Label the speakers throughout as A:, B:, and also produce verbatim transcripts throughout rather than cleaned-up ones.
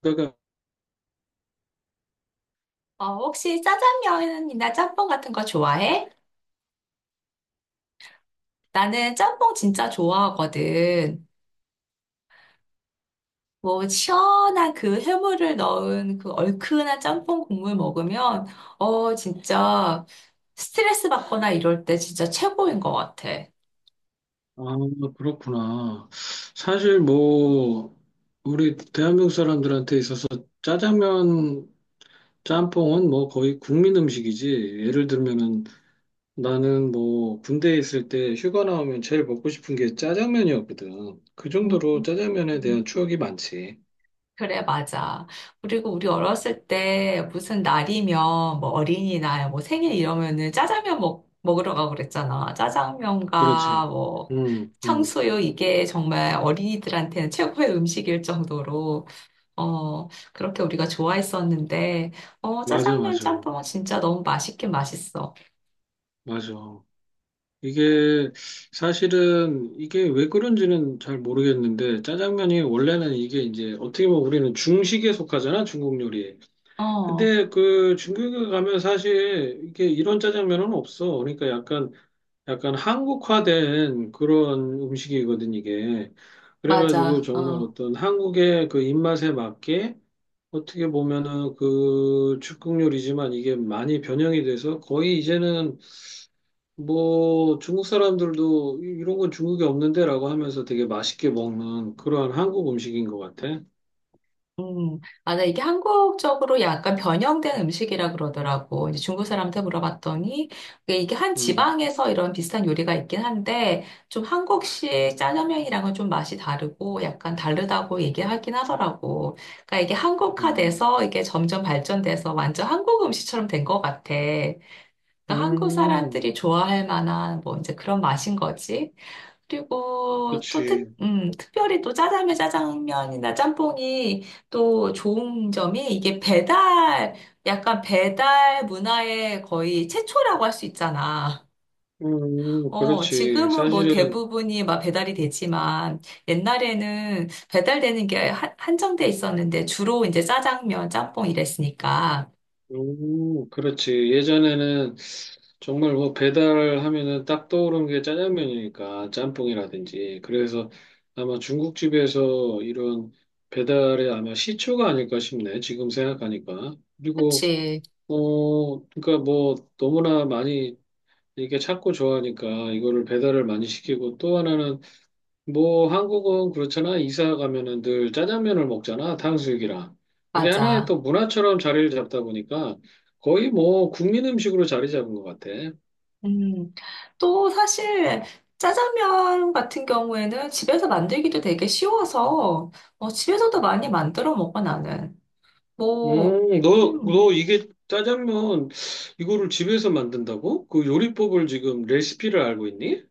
A: 그러니까,
B: 어, 혹시 짜장면이나 짬뽕 같은 거 좋아해? 나는 짬뽕 진짜 좋아하거든. 뭐, 시원한 그 해물을 넣은 그 얼큰한 짬뽕 국물 먹으면, 어, 진짜 스트레스 받거나 이럴 때 진짜 최고인 것 같아.
A: 아, 그렇구나. 사실 뭐, 우리 대한민국 사람들한테 있어서 짜장면, 짬뽕은 뭐 거의 국민 음식이지. 예를 들면은 나는 뭐 군대에 있을 때 휴가 나오면 제일 먹고 싶은 게 짜장면이었거든. 그
B: 음.
A: 정도로 짜장면에 대한 추억이 많지.
B: 그래, 맞아. 그리고 우리 어렸을 때 무슨 날이면 뭐 어린이날, 뭐 생일 이러면은 짜장면 먹, 먹으러 가고 그랬잖아. 짜장면과
A: 그렇지.
B: 뭐
A: 응, 응.
B: 탕수육 이게 정말 어린이들한테는 최고의 음식일 정도로, 어, 그렇게 우리가 좋아했었는데, 어,
A: 맞아,
B: 짜장면
A: 맞아.
B: 짬뽕은 진짜 너무 맛있긴 맛있어.
A: 맞아. 이게 사실은 이게 왜 그런지는 잘 모르겠는데 짜장면이 원래는 이게 이제 어떻게 보면 우리는 중식에 속하잖아 중국 요리에.
B: 어,
A: 근데 그 중국에 가면 사실 이게 이런 짜장면은 없어. 그러니까 약간 약간 한국화된 그런 음식이거든 이게. 그래가지고
B: 맞아.
A: 정말
B: 어.
A: 어떤 한국의 그 입맛에 맞게 어떻게 보면은 그 중국 요리지만 이게 많이 변형이 돼서 거의 이제는 뭐 중국 사람들도 이- 이런 건 중국에 없는데라고 하면서 되게 맛있게 먹는 그러한 한국 음식인 것 같아.
B: 음, 아, 나 이게 한국적으로 약간 변형된 음식이라 그러더라고. 이제 중국 사람한테 물어봤더니 이게 이게 한
A: 음,
B: 지방에서 이런 비슷한 요리가 있긴 한데 좀 한국식 짜장면이랑은 좀 맛이 다르고 약간 다르다고 얘기하긴 하더라고. 그러니까 이게
A: 음,
B: 한국화돼서 이게 점점 발전돼서 완전 한국 음식처럼 된 것 같아. 그러니까 한국
A: 음,
B: 사람들이 좋아할 만한 뭐 이제 그런 맛인 거지. 그리고 또 특,
A: 그렇지.
B: 음, 특별히 또 짜장면, 짜장면이나 짬뽕이 또 좋은 점이 이게 배달, 약간 배달 문화의 거의 최초라고 할 수 있잖아.
A: 음,
B: 어,
A: 그렇지.
B: 지금은 뭐
A: 사실은
B: 대부분이 막 배달이 되지만 옛날에는 배달되는 게 한- 한정돼 있었는데 주로 이제 짜장면, 짬뽕 이랬으니까.
A: 음, 그렇지. 예전에는 정말 뭐 배달하면은 딱 떠오르는 게 짜장면이니까 짬뽕이라든지. 그래서 아마 중국집에서 이런 배달에 아마 시초가 아닐까 싶네. 지금 생각하니까. 그리고
B: 그치,
A: 어, 그러니까 뭐 너무나 많이 이게 찾고 좋아하니까 이거를 배달을 많이 시키고 또 하나는 뭐 한국은 그렇잖아. 이사 가면은 늘 짜장면을 먹잖아. 탕수육이랑. 그게 하나의
B: 맞아.
A: 또 문화처럼 자리를 잡다 보니까 거의 뭐 국민 음식으로 자리 잡은 것 같아.
B: 음, 또 사실 짜장면 같은 경우에는 집에서 만들기도 되게 쉬워서 어, 집에서도 많이 만들어 먹어 나는. 뭐,
A: 음, 너, 너
B: 음,
A: 이게 짜장면 이거를 집에서 만든다고? 그 요리법을 지금 레시피를 알고 있니?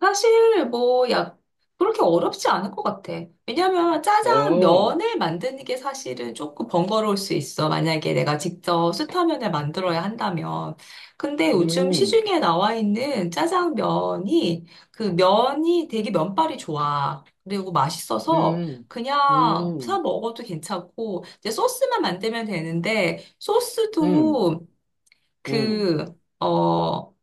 B: 사실 뭐 약 그렇게 어렵지 않을 것 같아. 왜냐면 짜장
A: 아,
B: 면을 만드는 게 사실은 조금 번거로울 수 있어. 만약에 내가 직접 수타면을 만들어야 한다면. 근데 요즘
A: 음,
B: 시중에 나와 있는 짜장면이 그 면이 되게 면발이 좋아. 그리고 맛있어서
A: 음,
B: 그냥 사
A: 음,
B: 먹어도 괜찮고 이제 소스만 만들면 되는데
A: 음,
B: 소스도
A: 음.
B: 그 어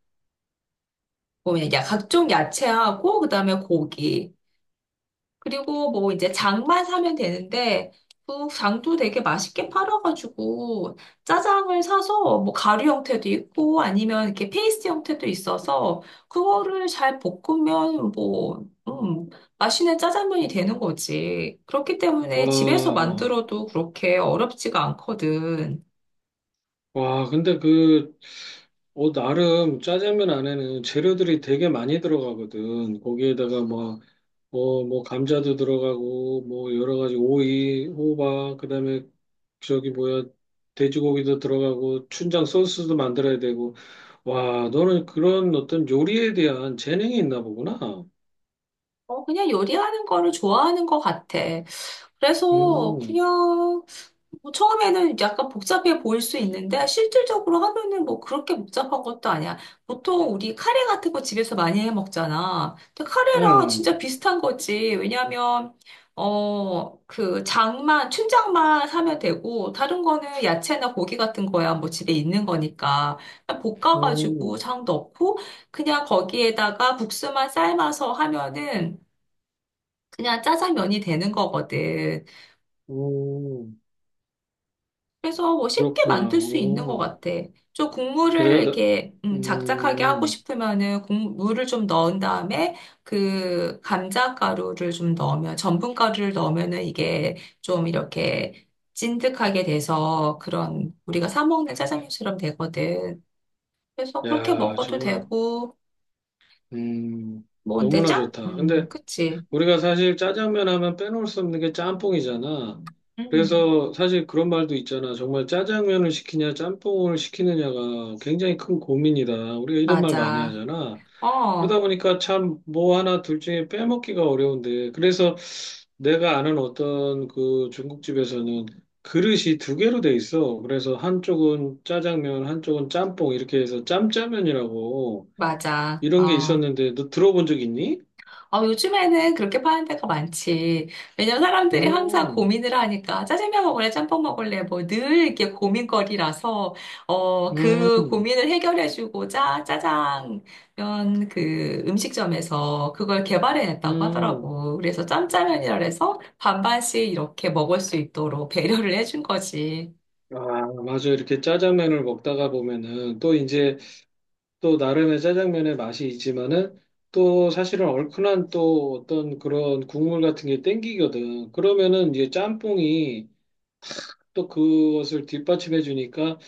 B: 뭐냐 야- 각종 야채하고 그다음에 고기 그리고 뭐 이제 장만 사면 되는데 그 장도 되게 맛있게 팔아가지고 짜장을 사서 뭐 가루 형태도 있고 아니면 이렇게 페이스트 형태도 있어서 그거를 잘 볶으면 뭐 음, 맛있는 짜장면이 되는 거지. 그렇기 때문에 집에서
A: 와,
B: 만들어도 그렇게 어렵지가 않거든.
A: 와, 근데 그, 어, 나름 짜장면 안에는 재료들이 되게 많이 들어가거든. 거기에다가 뭐 어, 뭐, 감자도 들어가고, 뭐, 여러 가지 오이, 호박, 그 다음에 저기 뭐야, 돼지고기도 들어가고, 춘장 소스도 만들어야 되고. 와, 너는 그런 어떤 요리에 대한 재능이 있나 보구나.
B: 어, 그냥 요리하는 거를 좋아하는 것 같아. 그래서
A: 음,
B: 그냥 뭐 처음에는 약간 복잡해 보일 수 있는데 실질적으로 하면은 뭐 그렇게 복잡한 것도 아니야. 보통 우리 카레 같은 거 집에서 많이 해 먹잖아. 근데 카레랑
A: 음,
B: 진짜 비슷한 거지. 왜냐면 어, 그 장만 춘장만 사면 되고 다른 거는 야채나 고기 같은 거야. 뭐 집에 있는 거니까. 그냥 볶아가지고
A: 음,
B: 장 넣고 그냥 거기에다가 국수만 삶아서 하면은 그냥 짜장면이 되는 거거든.
A: 음,
B: 그래서 뭐 쉽게
A: 그렇구나.
B: 만들 수 있는 것
A: 음,
B: 같아. 좀 국물을
A: 그래, 나,
B: 이렇게 음, 작작하게 하고
A: 음.
B: 싶으면은 국물을 좀 넣은 다음에 그 감자 가루를 좀 넣으면 전분 가루를 넣으면은 이게 좀 이렇게 찐득하게 돼서 그런 우리가 사 먹는 짜장면처럼 되거든. 그래서 그렇게
A: 야,
B: 먹어도
A: 정말,
B: 되고
A: 음,
B: 뭐 근데
A: 너무나
B: 짱?
A: 좋다.
B: 음,
A: 근데
B: 그치.
A: 우리가 사실 짜장면 하면 빼놓을 수 없는 게 짬뽕이잖아.
B: 음,
A: 그래서 사실 그런 말도 있잖아. 정말 짜장면을 시키냐, 짬뽕을 시키느냐가 굉장히 큰 고민이다. 우리가 이런 말 많이
B: 맞아.
A: 하잖아. 그러다
B: 어,
A: 보니까 참 뭐 하나 둘 중에 빼먹기가 어려운데. 그래서 내가 아는 어떤 그 중국집에서는 그릇이 두 개로 돼 있어. 그래서 한쪽은 짜장면, 한쪽은 짬뽕 이렇게 해서 짬짜면이라고.
B: 맞아.
A: 이런 게
B: 어.
A: 있었는데 너 들어본 적 있니?
B: 아, 요즘에는 그렇게 파는 데가 많지. 왜냐면 사람들이 항상
A: 음,
B: 고민을 하니까 짜장면 먹을래, 짬뽕 먹을래, 뭐 늘 이렇게 고민거리라서, 어, 그
A: 음,
B: 고민을 해결해주고자 짜장면 그 음식점에서 그걸 개발해냈다고
A: 음.
B: 하더라고. 그래서 짬짜면이라 해서 반반씩 이렇게 먹을 수 있도록 배려를 해준 거지.
A: 아, 맞아. 이렇게 짜장면을 먹다가 보면은 또 이제 또 나름의 짜장면의 맛이 있지만은 또 사실은 얼큰한 또 어떤 그런 국물 같은 게 땡기거든. 그러면은 이제 짬뽕이 또 그것을 뒷받침해 주니까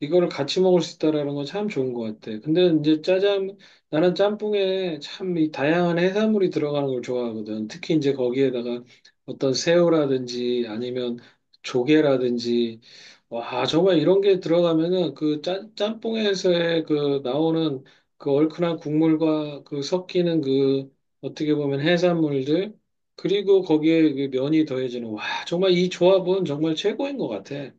A: 이거를 같이 먹을 수 있다라는 건 참 좋은 것 같아. 근데 이제 짜장 나는 짬뽕에 참 이 다양한 해산물이 들어가는 걸 좋아하거든. 특히 이제 거기에다가 어떤 새우라든지 아니면 조개라든지 와 정말 이런 게 들어가면은 그 짜, 짬뽕에서의 그 나오는 그 얼큰한 국물과 그 섞이는 그 어떻게 보면 해산물들 그리고 거기에 그 면이 더해지는, 와, 정말 이 조합은 정말 최고인 것 같아.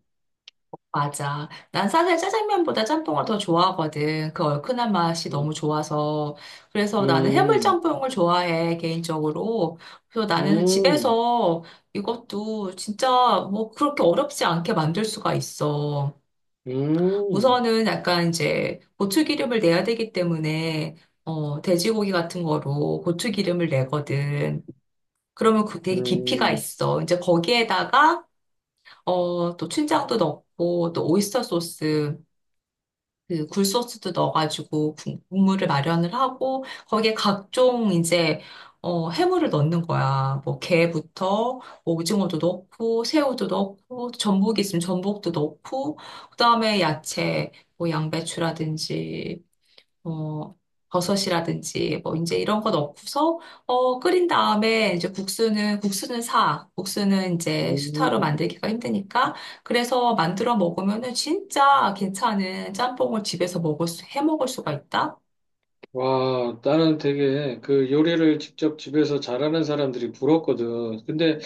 B: 맞아. 난 사실 짜장면보다 짬뽕을 더 좋아하거든. 그 얼큰한 맛이
A: 음,
B: 너무 좋아서. 그래서 나는
A: 음,
B: 해물짬뽕을 좋아해, 개인적으로. 그래서 나는
A: 음,
B: 집에서 이것도 진짜 뭐 그렇게 어렵지 않게 만들 수가 있어.
A: 음,
B: 우선은 약간 이제 고추기름을 내야 되기 때문에 어, 돼지고기 같은 거로 고추기름을 내거든. 그러면 그 되게 깊이가
A: 음,
B: 있어. 이제 거기에다가 어, 또 춘장도 넣고 또 오이스터 소스 그 굴소스도 넣어가지고 국- 국물을 마련을 하고 거기에 각종 이제 어, 해물을 넣는 거야. 뭐 게부터 뭐 오징어도 넣고 새우도 넣고 전복이 있으면 전복도 넣고 그다음에 야채 뭐 양배추라든지 어, 버섯이라든지 뭐 이제 이런 거 넣고서 어, 끓인 다음에 이제 국수는 국수는 사. 국수는 이제 수타로
A: 음.
B: 만들기가 힘드니까 그래서 만들어 먹으면은 진짜 괜찮은 짬뽕을 집에서 먹을 수, 해 먹을 수가 있다.
A: 와, 나는 되게 그 요리를 직접 집에서 잘하는 사람들이 부럽거든. 근데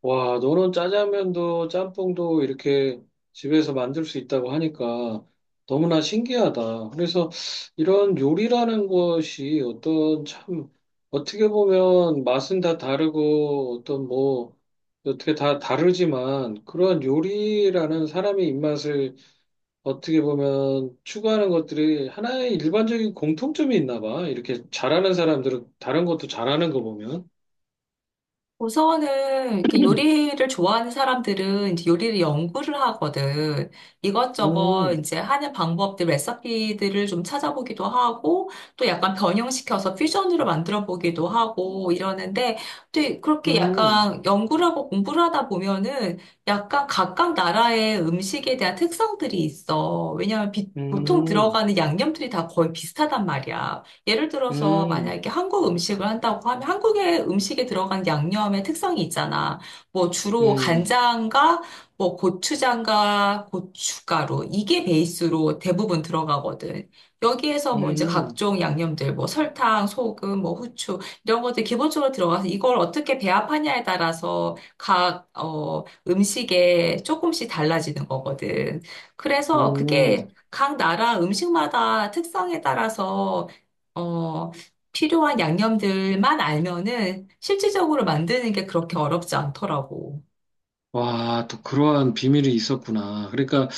A: 와, 너는 짜장면도 짬뽕도 이렇게 집에서 만들 수 있다고 하니까 너무나 신기하다. 그래서 이런 요리라는 것이 어떤 참, 어떻게 보면 맛은 다 다르고 어떤 뭐, 어떻게 다 다르지만 그런 요리라는 사람의 입맛을 어떻게 보면 추구하는 것들이 하나의 일반적인 공통점이 있나 봐. 이렇게 잘하는 사람들은 다른 것도 잘하는 거 보면.
B: 우선은 이렇게 요리를 좋아하는 사람들은 이제 요리를 연구를 하거든. 이것저것
A: 음,
B: 이제 하는 방법들, 레시피들을 좀 찾아보기도 하고 또 약간 변형시켜서 퓨전으로 만들어 보기도 하고 이러는데 또 그렇게
A: 음,
B: 약간 연구를 하고 공부를 하다 보면은 약간 각각 나라의 음식에 대한 특성들이 있어. 왜냐하면 비- 보통
A: 음.
B: 들어가는 양념들이 다 거의 비슷하단 말이야. 예를 들어서
A: 음,
B: 만약에 한국 음식을 한다고 하면 한국의 음식에 들어간 양념의 특성이 있잖아. 뭐 주로
A: 음,
B: 간장과 뭐 고추장과 고춧가루 이게 베이스로 대부분 들어가거든. 여기에서 뭐 이제
A: 음,
B: 각종 양념들 뭐 설탕, 소금, 뭐 후추 이런 것들 기본적으로 들어가서 이걸 어떻게 배합하냐에 따라서 각 어, 음식에 조금씩 달라지는 거거든. 그래서
A: 음.
B: 그게 각 나라 음식마다 특성에 따라서 어, 필요한 양념들만 알면은 실질적으로 만드는 게 그렇게 어렵지 않더라고.
A: 와, 또 그러한 비밀이 있었구나. 그러니까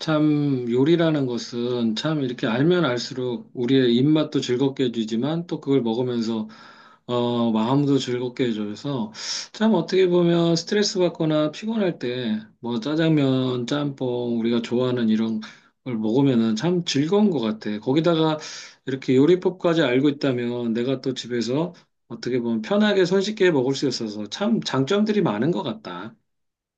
A: 참 요리라는 것은 참 이렇게 알면 알수록 우리의 입맛도 즐겁게 해주지만 또 그걸 먹으면서 어, 마음도 즐겁게 해줘서 참 어떻게 보면 스트레스 받거나 피곤할 때 뭐 짜장면, 짬뽕 우리가 좋아하는 이런 걸 먹으면은 참 즐거운 것 같아. 거기다가 이렇게 요리법까지 알고 있다면 내가 또 집에서 어떻게 보면 편하게 손쉽게 먹을 수 있어서 참 장점들이 많은 것 같다.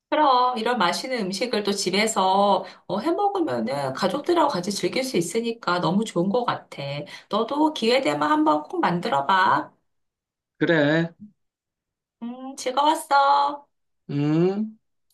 B: 그럼 이런 맛있는 음식을 또 집에서 어, 해 먹으면은 가족들하고 같이 즐길 수 있으니까 너무 좋은 것 같아. 너도 기회 되면 한번 꼭 만들어 봐.
A: 그래.
B: 음, 즐거웠어.
A: 응?